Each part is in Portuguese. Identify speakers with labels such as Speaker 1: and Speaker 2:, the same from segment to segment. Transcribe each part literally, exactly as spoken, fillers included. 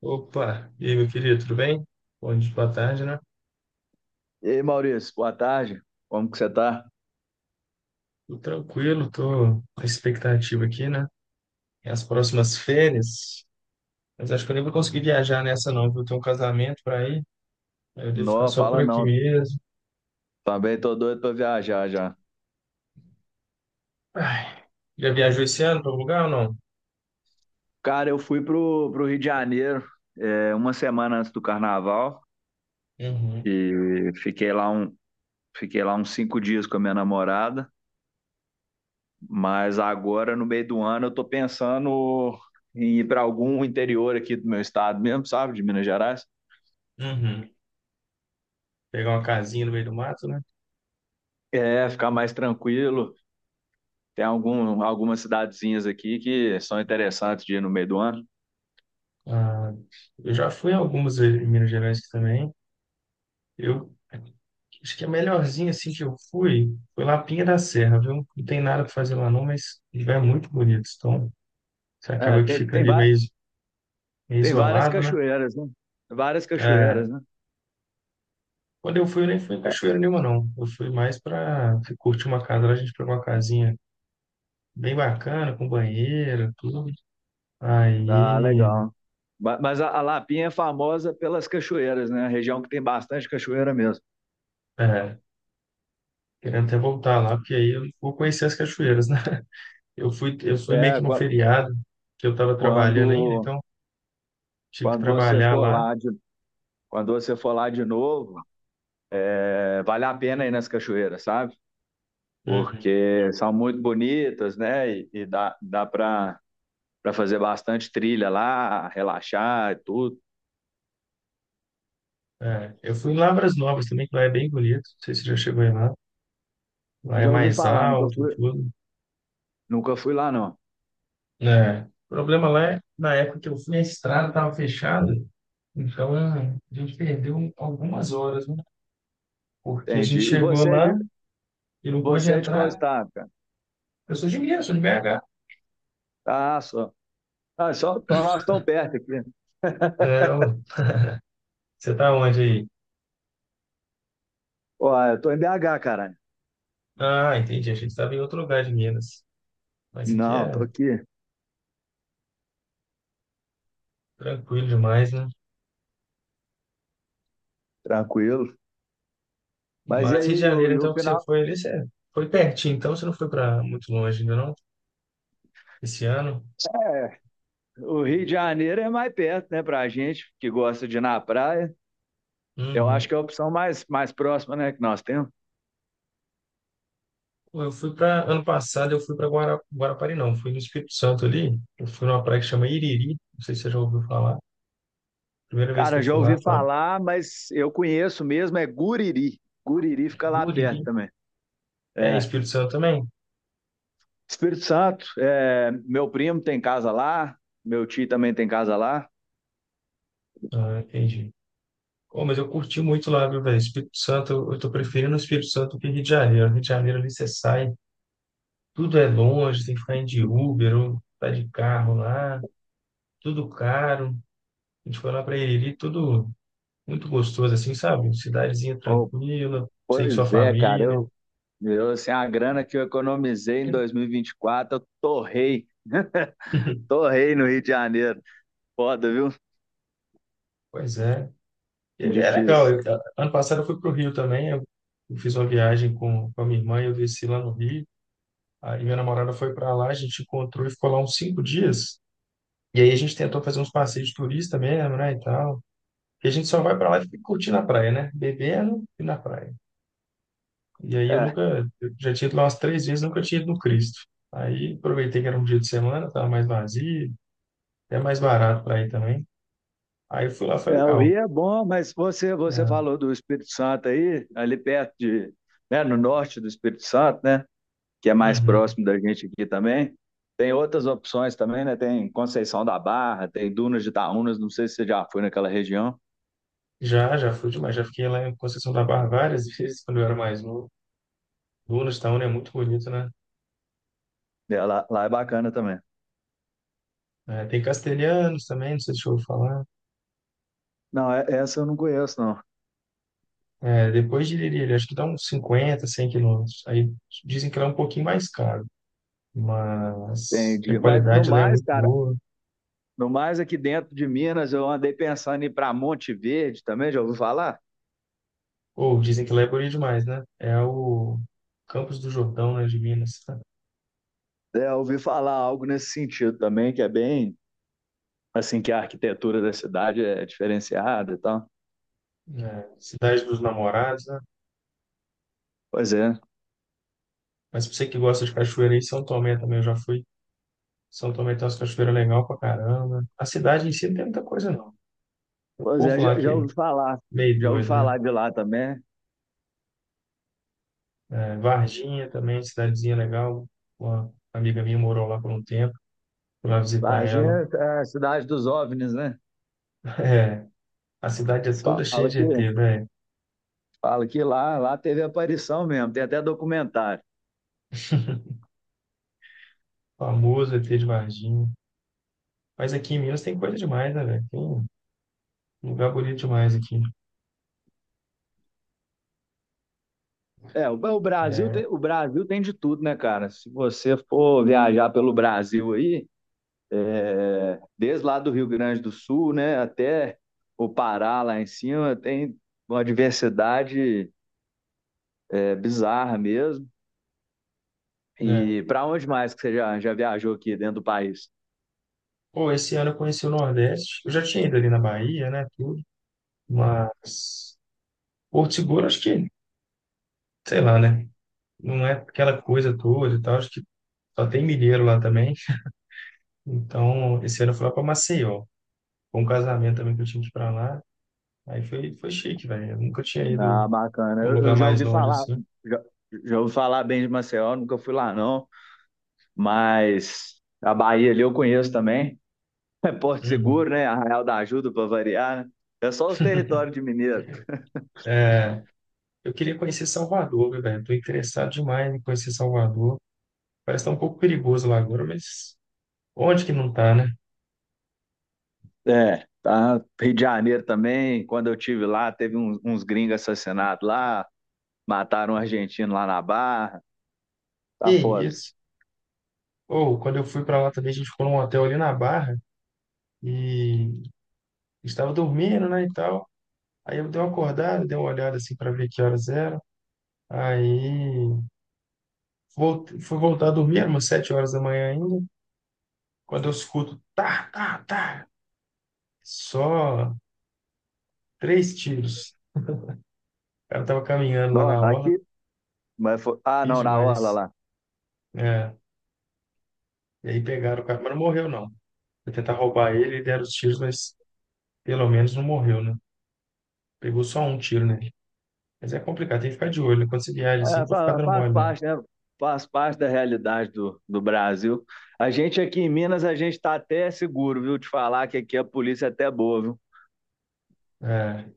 Speaker 1: Opa, e aí, meu querido, tudo bem? Bom dia, boa tarde, né?
Speaker 2: E aí, Maurício, boa tarde. Como que você tá?
Speaker 1: Tudo tranquilo, tô com a expectativa aqui, né? E as próximas férias, mas acho que eu nem vou conseguir viajar nessa não, viu? Tenho um casamento para ir, aí eu devo ficar
Speaker 2: Não,
Speaker 1: só por
Speaker 2: fala
Speaker 1: aqui
Speaker 2: não.
Speaker 1: mesmo.
Speaker 2: Também tô doido pra viajar já.
Speaker 1: Ai, já viajou esse ano para algum lugar ou não?
Speaker 2: Cara, eu fui pro, pro Rio de Janeiro é, uma semana antes do carnaval
Speaker 1: Uhum,
Speaker 2: e fiquei lá, um, fiquei lá uns cinco dias com a minha namorada, mas agora, no meio do ano, eu tô pensando em ir pra algum interior aqui do meu estado mesmo, sabe? De Minas Gerais.
Speaker 1: uhum. Pegar uma casinha no meio do mato, né?
Speaker 2: É, ficar mais tranquilo. Tem algum, algumas cidadezinhas aqui que são interessantes de ir no meio do ano.
Speaker 1: Ah, eu já fui algumas vezes em Minas Gerais aqui também. Eu Acho que a melhorzinha assim que eu fui foi lá Pinha da Serra, viu? Não tem nada para fazer lá não, mas o lugar é muito bonito. Então, você
Speaker 2: É,
Speaker 1: acaba que
Speaker 2: tem,
Speaker 1: fica
Speaker 2: tem,
Speaker 1: ali
Speaker 2: va-
Speaker 1: meio, meio
Speaker 2: Tem várias
Speaker 1: isolado, né?
Speaker 2: cachoeiras, né? Várias cachoeiras,
Speaker 1: É,
Speaker 2: né?
Speaker 1: quando eu fui, eu nem fui em cachoeira nenhuma, não. Eu fui mais para curtir uma casa. Lá a gente pegou uma casinha bem bacana, com banheiro, tudo.
Speaker 2: Ah,
Speaker 1: Aí,
Speaker 2: legal. Ba- Mas a a Lapinha é famosa pelas cachoeiras, né? A região que tem bastante cachoeira mesmo.
Speaker 1: é, querendo até voltar lá, porque aí eu vou conhecer as cachoeiras, né? Eu fui, eu fui meio que
Speaker 2: É,
Speaker 1: no
Speaker 2: qua-
Speaker 1: feriado, que eu estava trabalhando ainda,
Speaker 2: quando,
Speaker 1: então tive que
Speaker 2: quando você
Speaker 1: trabalhar
Speaker 2: for
Speaker 1: lá.
Speaker 2: lá de, quando você for lá de novo, é, vale a pena ir nas cachoeiras, sabe?
Speaker 1: Uhum.
Speaker 2: Porque são muito bonitas, né? E, e dá, dá para para fazer bastante trilha lá, relaxar e tudo.
Speaker 1: É, eu fui em Lavras Novas também, que lá é bem bonito. Não sei se você já chegou aí lá. Lá é
Speaker 2: Já ouvi
Speaker 1: mais
Speaker 2: falar, nunca
Speaker 1: alto,
Speaker 2: fui,
Speaker 1: tudo.
Speaker 2: nunca fui lá, não.
Speaker 1: É. O problema lá é, na época que eu fui, a estrada estava fechada, então é, a gente perdeu algumas horas, né? Porque a gente
Speaker 2: Entendi. E
Speaker 1: chegou
Speaker 2: você é de,
Speaker 1: lá e não pôde
Speaker 2: você é de qual
Speaker 1: entrar.
Speaker 2: estado, cara?
Speaker 1: Eu sou de Minas, sou de B H.
Speaker 2: Ah, só. Ah, só, então nós estamos perto aqui.
Speaker 1: É, ué. Você tá onde aí?
Speaker 2: Ó, eu tô em B H, caralho.
Speaker 1: Ah, entendi. A gente estava em outro lugar de Minas. Mas aqui
Speaker 2: Não, tô
Speaker 1: é
Speaker 2: aqui,
Speaker 1: tranquilo demais, né?
Speaker 2: tranquilo. Mas e
Speaker 1: Mas Rio de
Speaker 2: aí, e o,
Speaker 1: Janeiro,
Speaker 2: e o
Speaker 1: então, que você
Speaker 2: final?
Speaker 1: foi ali, você foi pertinho, então você não foi para muito longe ainda, não? Esse ano.
Speaker 2: É, o Rio de Janeiro é mais perto, né, pra gente que gosta de ir na praia. Eu acho
Speaker 1: Uhum.
Speaker 2: que é a opção mais, mais próxima, né, que nós temos.
Speaker 1: Pô, eu fui para ano passado, eu fui para Guara... Guarapari, não, fui no Espírito Santo ali. Eu fui numa praia que chama Iriri, não sei se você já ouviu falar. Primeira vez que
Speaker 2: Cara,
Speaker 1: eu
Speaker 2: já
Speaker 1: fui lá,
Speaker 2: ouvi
Speaker 1: fala,
Speaker 2: falar, mas eu conheço mesmo, é Guriri. Guriri fica lá
Speaker 1: Iriri.
Speaker 2: perto também.
Speaker 1: É,
Speaker 2: É,
Speaker 1: Espírito Santo também?
Speaker 2: Espírito Santo, é, meu primo tem casa lá, meu tio também tem casa lá.
Speaker 1: Ah, entendi. Oh, mas eu curti muito lá, viu, velho? Espírito Santo, eu, eu tô preferindo o Espírito Santo que Rio de Janeiro. Rio de Janeiro ali você sai, tudo é longe, tem que ficar indo de Uber ou tá de carro lá, tudo caro. A gente foi lá para Iriri, tudo muito gostoso, assim, sabe? Cidadezinha
Speaker 2: Oh,
Speaker 1: tranquila, sei que sua
Speaker 2: pois é, cara,
Speaker 1: família.
Speaker 2: eu, Eu, assim, a grana que eu economizei em dois mil e vinte e quatro, eu torrei, torrei no Rio de Janeiro. Foda, viu?
Speaker 1: Pois é. E é legal.
Speaker 2: Difícil.
Speaker 1: Eu, ano passado eu fui para o Rio também. Eu eu fiz uma viagem com, com a minha irmã e eu desci lá no Rio. Aí minha namorada foi para lá, a gente encontrou e ficou lá uns cinco dias. E aí a gente tentou fazer uns passeios de turista mesmo, né, e tal. E a gente só vai para lá e fica curtindo a praia, né? Bebendo e na praia. E aí eu
Speaker 2: É,
Speaker 1: nunca, eu já tinha ido lá umas três vezes, nunca tinha ido no Cristo. Aí aproveitei que era um dia de semana, estava mais vazio, até mais barato para ir também. Aí eu fui lá, foi
Speaker 2: é, o
Speaker 1: legal.
Speaker 2: Rio é bom, mas você, você
Speaker 1: Ah,
Speaker 2: falou do Espírito Santo aí, ali perto de, né, no norte do Espírito Santo, né? Que é mais
Speaker 1: uhum.
Speaker 2: próximo da gente aqui também. Tem outras opções também, né? Tem Conceição da Barra, tem Dunas de Itaúnas, não sei se você já foi naquela região.
Speaker 1: Já, já fui demais. Já fiquei lá em Conceição da Barra várias vezes quando eu era mais novo. Lunas Town é muito bonito, né?
Speaker 2: É, lá, lá é bacana também.
Speaker 1: É, tem Castelhanos também, não sei se eu ouvi falar.
Speaker 2: Não, é- essa eu não conheço, não.
Speaker 1: É, depois de Liriri, acho que dá uns cinquenta, cem quilômetros. Aí dizem que lá é um pouquinho mais caro, mas que a
Speaker 2: Entendi. Mas no
Speaker 1: qualidade lá é
Speaker 2: mais,
Speaker 1: muito
Speaker 2: cara,
Speaker 1: boa.
Speaker 2: No mais, aqui dentro de Minas, eu andei pensando em ir para Monte Verde também, já ouviu falar?
Speaker 1: Ou dizem que lá é bonito demais, né? É o Campos do Jordão, né, de Minas, né?
Speaker 2: É, eu ouvi falar algo nesse sentido também, que é bem, assim, que a arquitetura da cidade é diferenciada e tal.
Speaker 1: É, Cidade dos Namorados, né?
Speaker 2: Pois é,
Speaker 1: Mas pra você que gosta de cachoeira aí, São Tomé também, eu já fui. São Tomé tem umas cachoeiras legal pra caramba. A cidade em si não tem muita coisa, não. O
Speaker 2: pois é,
Speaker 1: povo lá
Speaker 2: já,
Speaker 1: que
Speaker 2: já
Speaker 1: é
Speaker 2: ouvi falar,
Speaker 1: meio
Speaker 2: já ouvi
Speaker 1: doido, né?
Speaker 2: falar de lá também.
Speaker 1: É, Varginha também, cidadezinha legal. Uma amiga minha morou lá por um tempo. Fui lá visitar ela.
Speaker 2: Varginha é a cidade dos OVNIs, né?
Speaker 1: É, a cidade é toda cheia
Speaker 2: Fala
Speaker 1: de
Speaker 2: que,
Speaker 1: E T, velho.
Speaker 2: fala que lá, lá teve aparição mesmo, tem até documentário.
Speaker 1: Famoso E T de Varginha. Mas aqui em Minas tem coisa demais, né, velho? Tem um lugar bonito demais aqui.
Speaker 2: É, o, o Brasil
Speaker 1: É,
Speaker 2: tem, o Brasil tem de tudo, né, cara? Se você for viajar pelo Brasil aí, é, desde lá do Rio Grande do Sul, né, até o Pará lá em cima, tem uma diversidade é, bizarra mesmo.
Speaker 1: né?
Speaker 2: E para onde mais que você já, já viajou aqui dentro do país?
Speaker 1: Pô, esse ano eu conheci o Nordeste. Eu já tinha ido ali na Bahia, né? Tudo. Mas Porto Seguro, acho que, sei lá, né? Não é aquela coisa toda e tal, acho que só tem mineiro lá também. Então, esse ano eu fui lá para Maceió, com um casamento também que eu tinha que ir para lá. Aí foi, foi chique, velho. Eu nunca tinha
Speaker 2: Ah,
Speaker 1: ido
Speaker 2: bacana.
Speaker 1: num
Speaker 2: Eu,
Speaker 1: lugar
Speaker 2: eu já
Speaker 1: mais
Speaker 2: ouvi
Speaker 1: longe
Speaker 2: falar,
Speaker 1: assim.
Speaker 2: já, já ouvi falar bem de Maceió, nunca fui lá não, mas a Bahia ali eu conheço também. Porto
Speaker 1: Uhum.
Speaker 2: Seguro, né? Arraial da Ajuda para variar, né? É só os territórios de Mineiro.
Speaker 1: Eu queria conhecer Salvador, viu, velho. Tô interessado demais em conhecer Salvador. Parece que tá um pouco perigoso lá agora, mas onde que não tá, né?
Speaker 2: É, tá. Rio de Janeiro também, quando eu tive lá, teve uns, uns gringos assassinados lá, mataram um argentino lá na Barra,
Speaker 1: Que
Speaker 2: tá foda.
Speaker 1: isso? Ou quando eu fui para lá também, a gente ficou num hotel ali na Barra e estava dormindo, né, e tal. Aí eu dei uma acordada, dei uma olhada assim para ver que horas era. Aí voltei, fui voltar a dormir, eram umas sete horas da manhã ainda. Quando eu escuto, tá, tá, tá, só três tiros. O cara tava caminhando lá
Speaker 2: Ó,
Speaker 1: na orla,
Speaker 2: aqui, mas foi- ah,
Speaker 1: fiz
Speaker 2: não, na Orla
Speaker 1: demais.
Speaker 2: lá.
Speaker 1: É, e aí pegaram o cara, mas não morreu não. Foi tentar roubar ele e deram os tiros, mas pelo menos não morreu, né? Pegou só um tiro nele. Mas é complicado, tem que ficar de olho, né? Quando você viaja assim,
Speaker 2: É,
Speaker 1: não pode ficar
Speaker 2: fa-
Speaker 1: dando
Speaker 2: faz
Speaker 1: mole, não.
Speaker 2: parte, né? Faz parte da realidade do, do Brasil. A gente aqui em Minas, a gente tá até seguro, viu? Te falar que aqui a polícia é até boa, viu?
Speaker 1: É,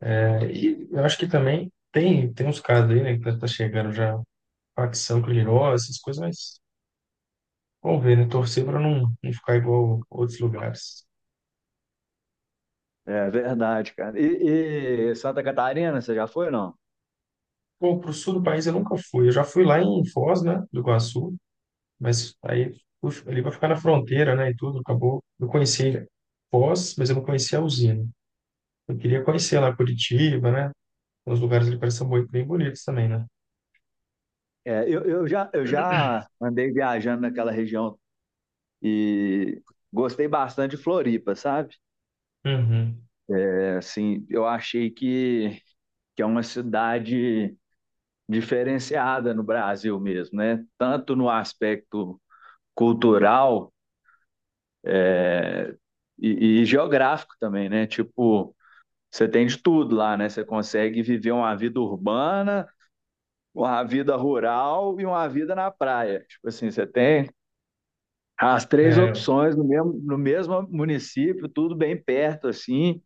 Speaker 1: é, e eu acho que também tem, tem uns casos aí, né, que tá tá chegando já facção criminosa, essas coisas, mas vamos ver, né? Torcer para não, não ficar igual outros lugares.
Speaker 2: É verdade, cara. E, e Santa Catarina, você já foi ou não?
Speaker 1: Pô, pro sul do país eu nunca fui. Eu já fui lá em Foz, né, do Iguaçu, mas aí fui ali para ficar na fronteira, né, e tudo, acabou. Eu conheci Foz, mas eu não conhecia a usina. Eu queria conhecer lá Curitiba, né? Os lugares ali parecem muito bem bonitos também, né?
Speaker 2: É, eu, eu já, eu já andei viajando naquela região e gostei bastante de Floripa, sabe?
Speaker 1: Uhum.
Speaker 2: É, assim, eu achei que, que é uma cidade diferenciada no Brasil mesmo, né? Tanto no aspecto cultural e, e geográfico também, né? Tipo, você tem de tudo lá, né? Você consegue viver uma vida urbana, uma vida rural e uma vida na praia. Tipo assim, você tem as três
Speaker 1: É,
Speaker 2: opções no mesmo, no mesmo município, tudo bem perto, assim.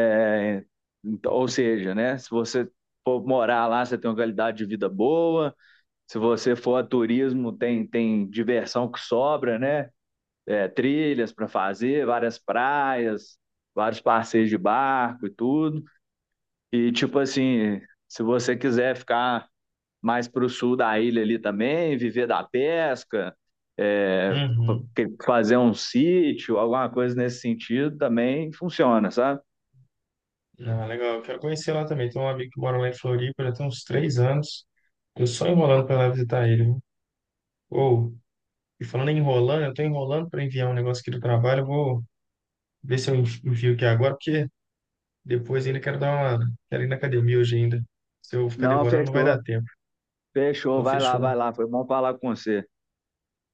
Speaker 2: É, então, ou seja, né? Se você for morar lá, você tem uma qualidade de vida boa. Se você for a turismo, tem, tem diversão que sobra, né? É, trilhas para fazer, várias praias, vários passeios de barco e tudo. E, tipo assim, se você quiser ficar mais para o sul da ilha ali também, viver da pesca, é,
Speaker 1: uhum.
Speaker 2: fazer um sítio, alguma coisa nesse sentido também funciona, sabe?
Speaker 1: Ah, legal, eu quero conhecer lá também. Tem um amigo que mora lá em Floripa, já tem uns três anos. Tô só enrolando para lá visitar ele. Viu? E falando em enrolando, eu estou enrolando para enviar um negócio aqui do trabalho. Eu vou ver se eu envi- envio aqui agora, porque depois ainda quero dar uma. Quero ir na academia hoje ainda. Se eu ficar
Speaker 2: Não,
Speaker 1: demorando, não vai dar
Speaker 2: fechou,
Speaker 1: tempo.
Speaker 2: fechou,
Speaker 1: Então,
Speaker 2: vai lá, vai
Speaker 1: fechou.
Speaker 2: lá, foi bom falar com você.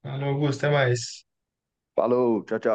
Speaker 1: Alô, Augusto, até mais.
Speaker 2: Falou, tchau, tchau.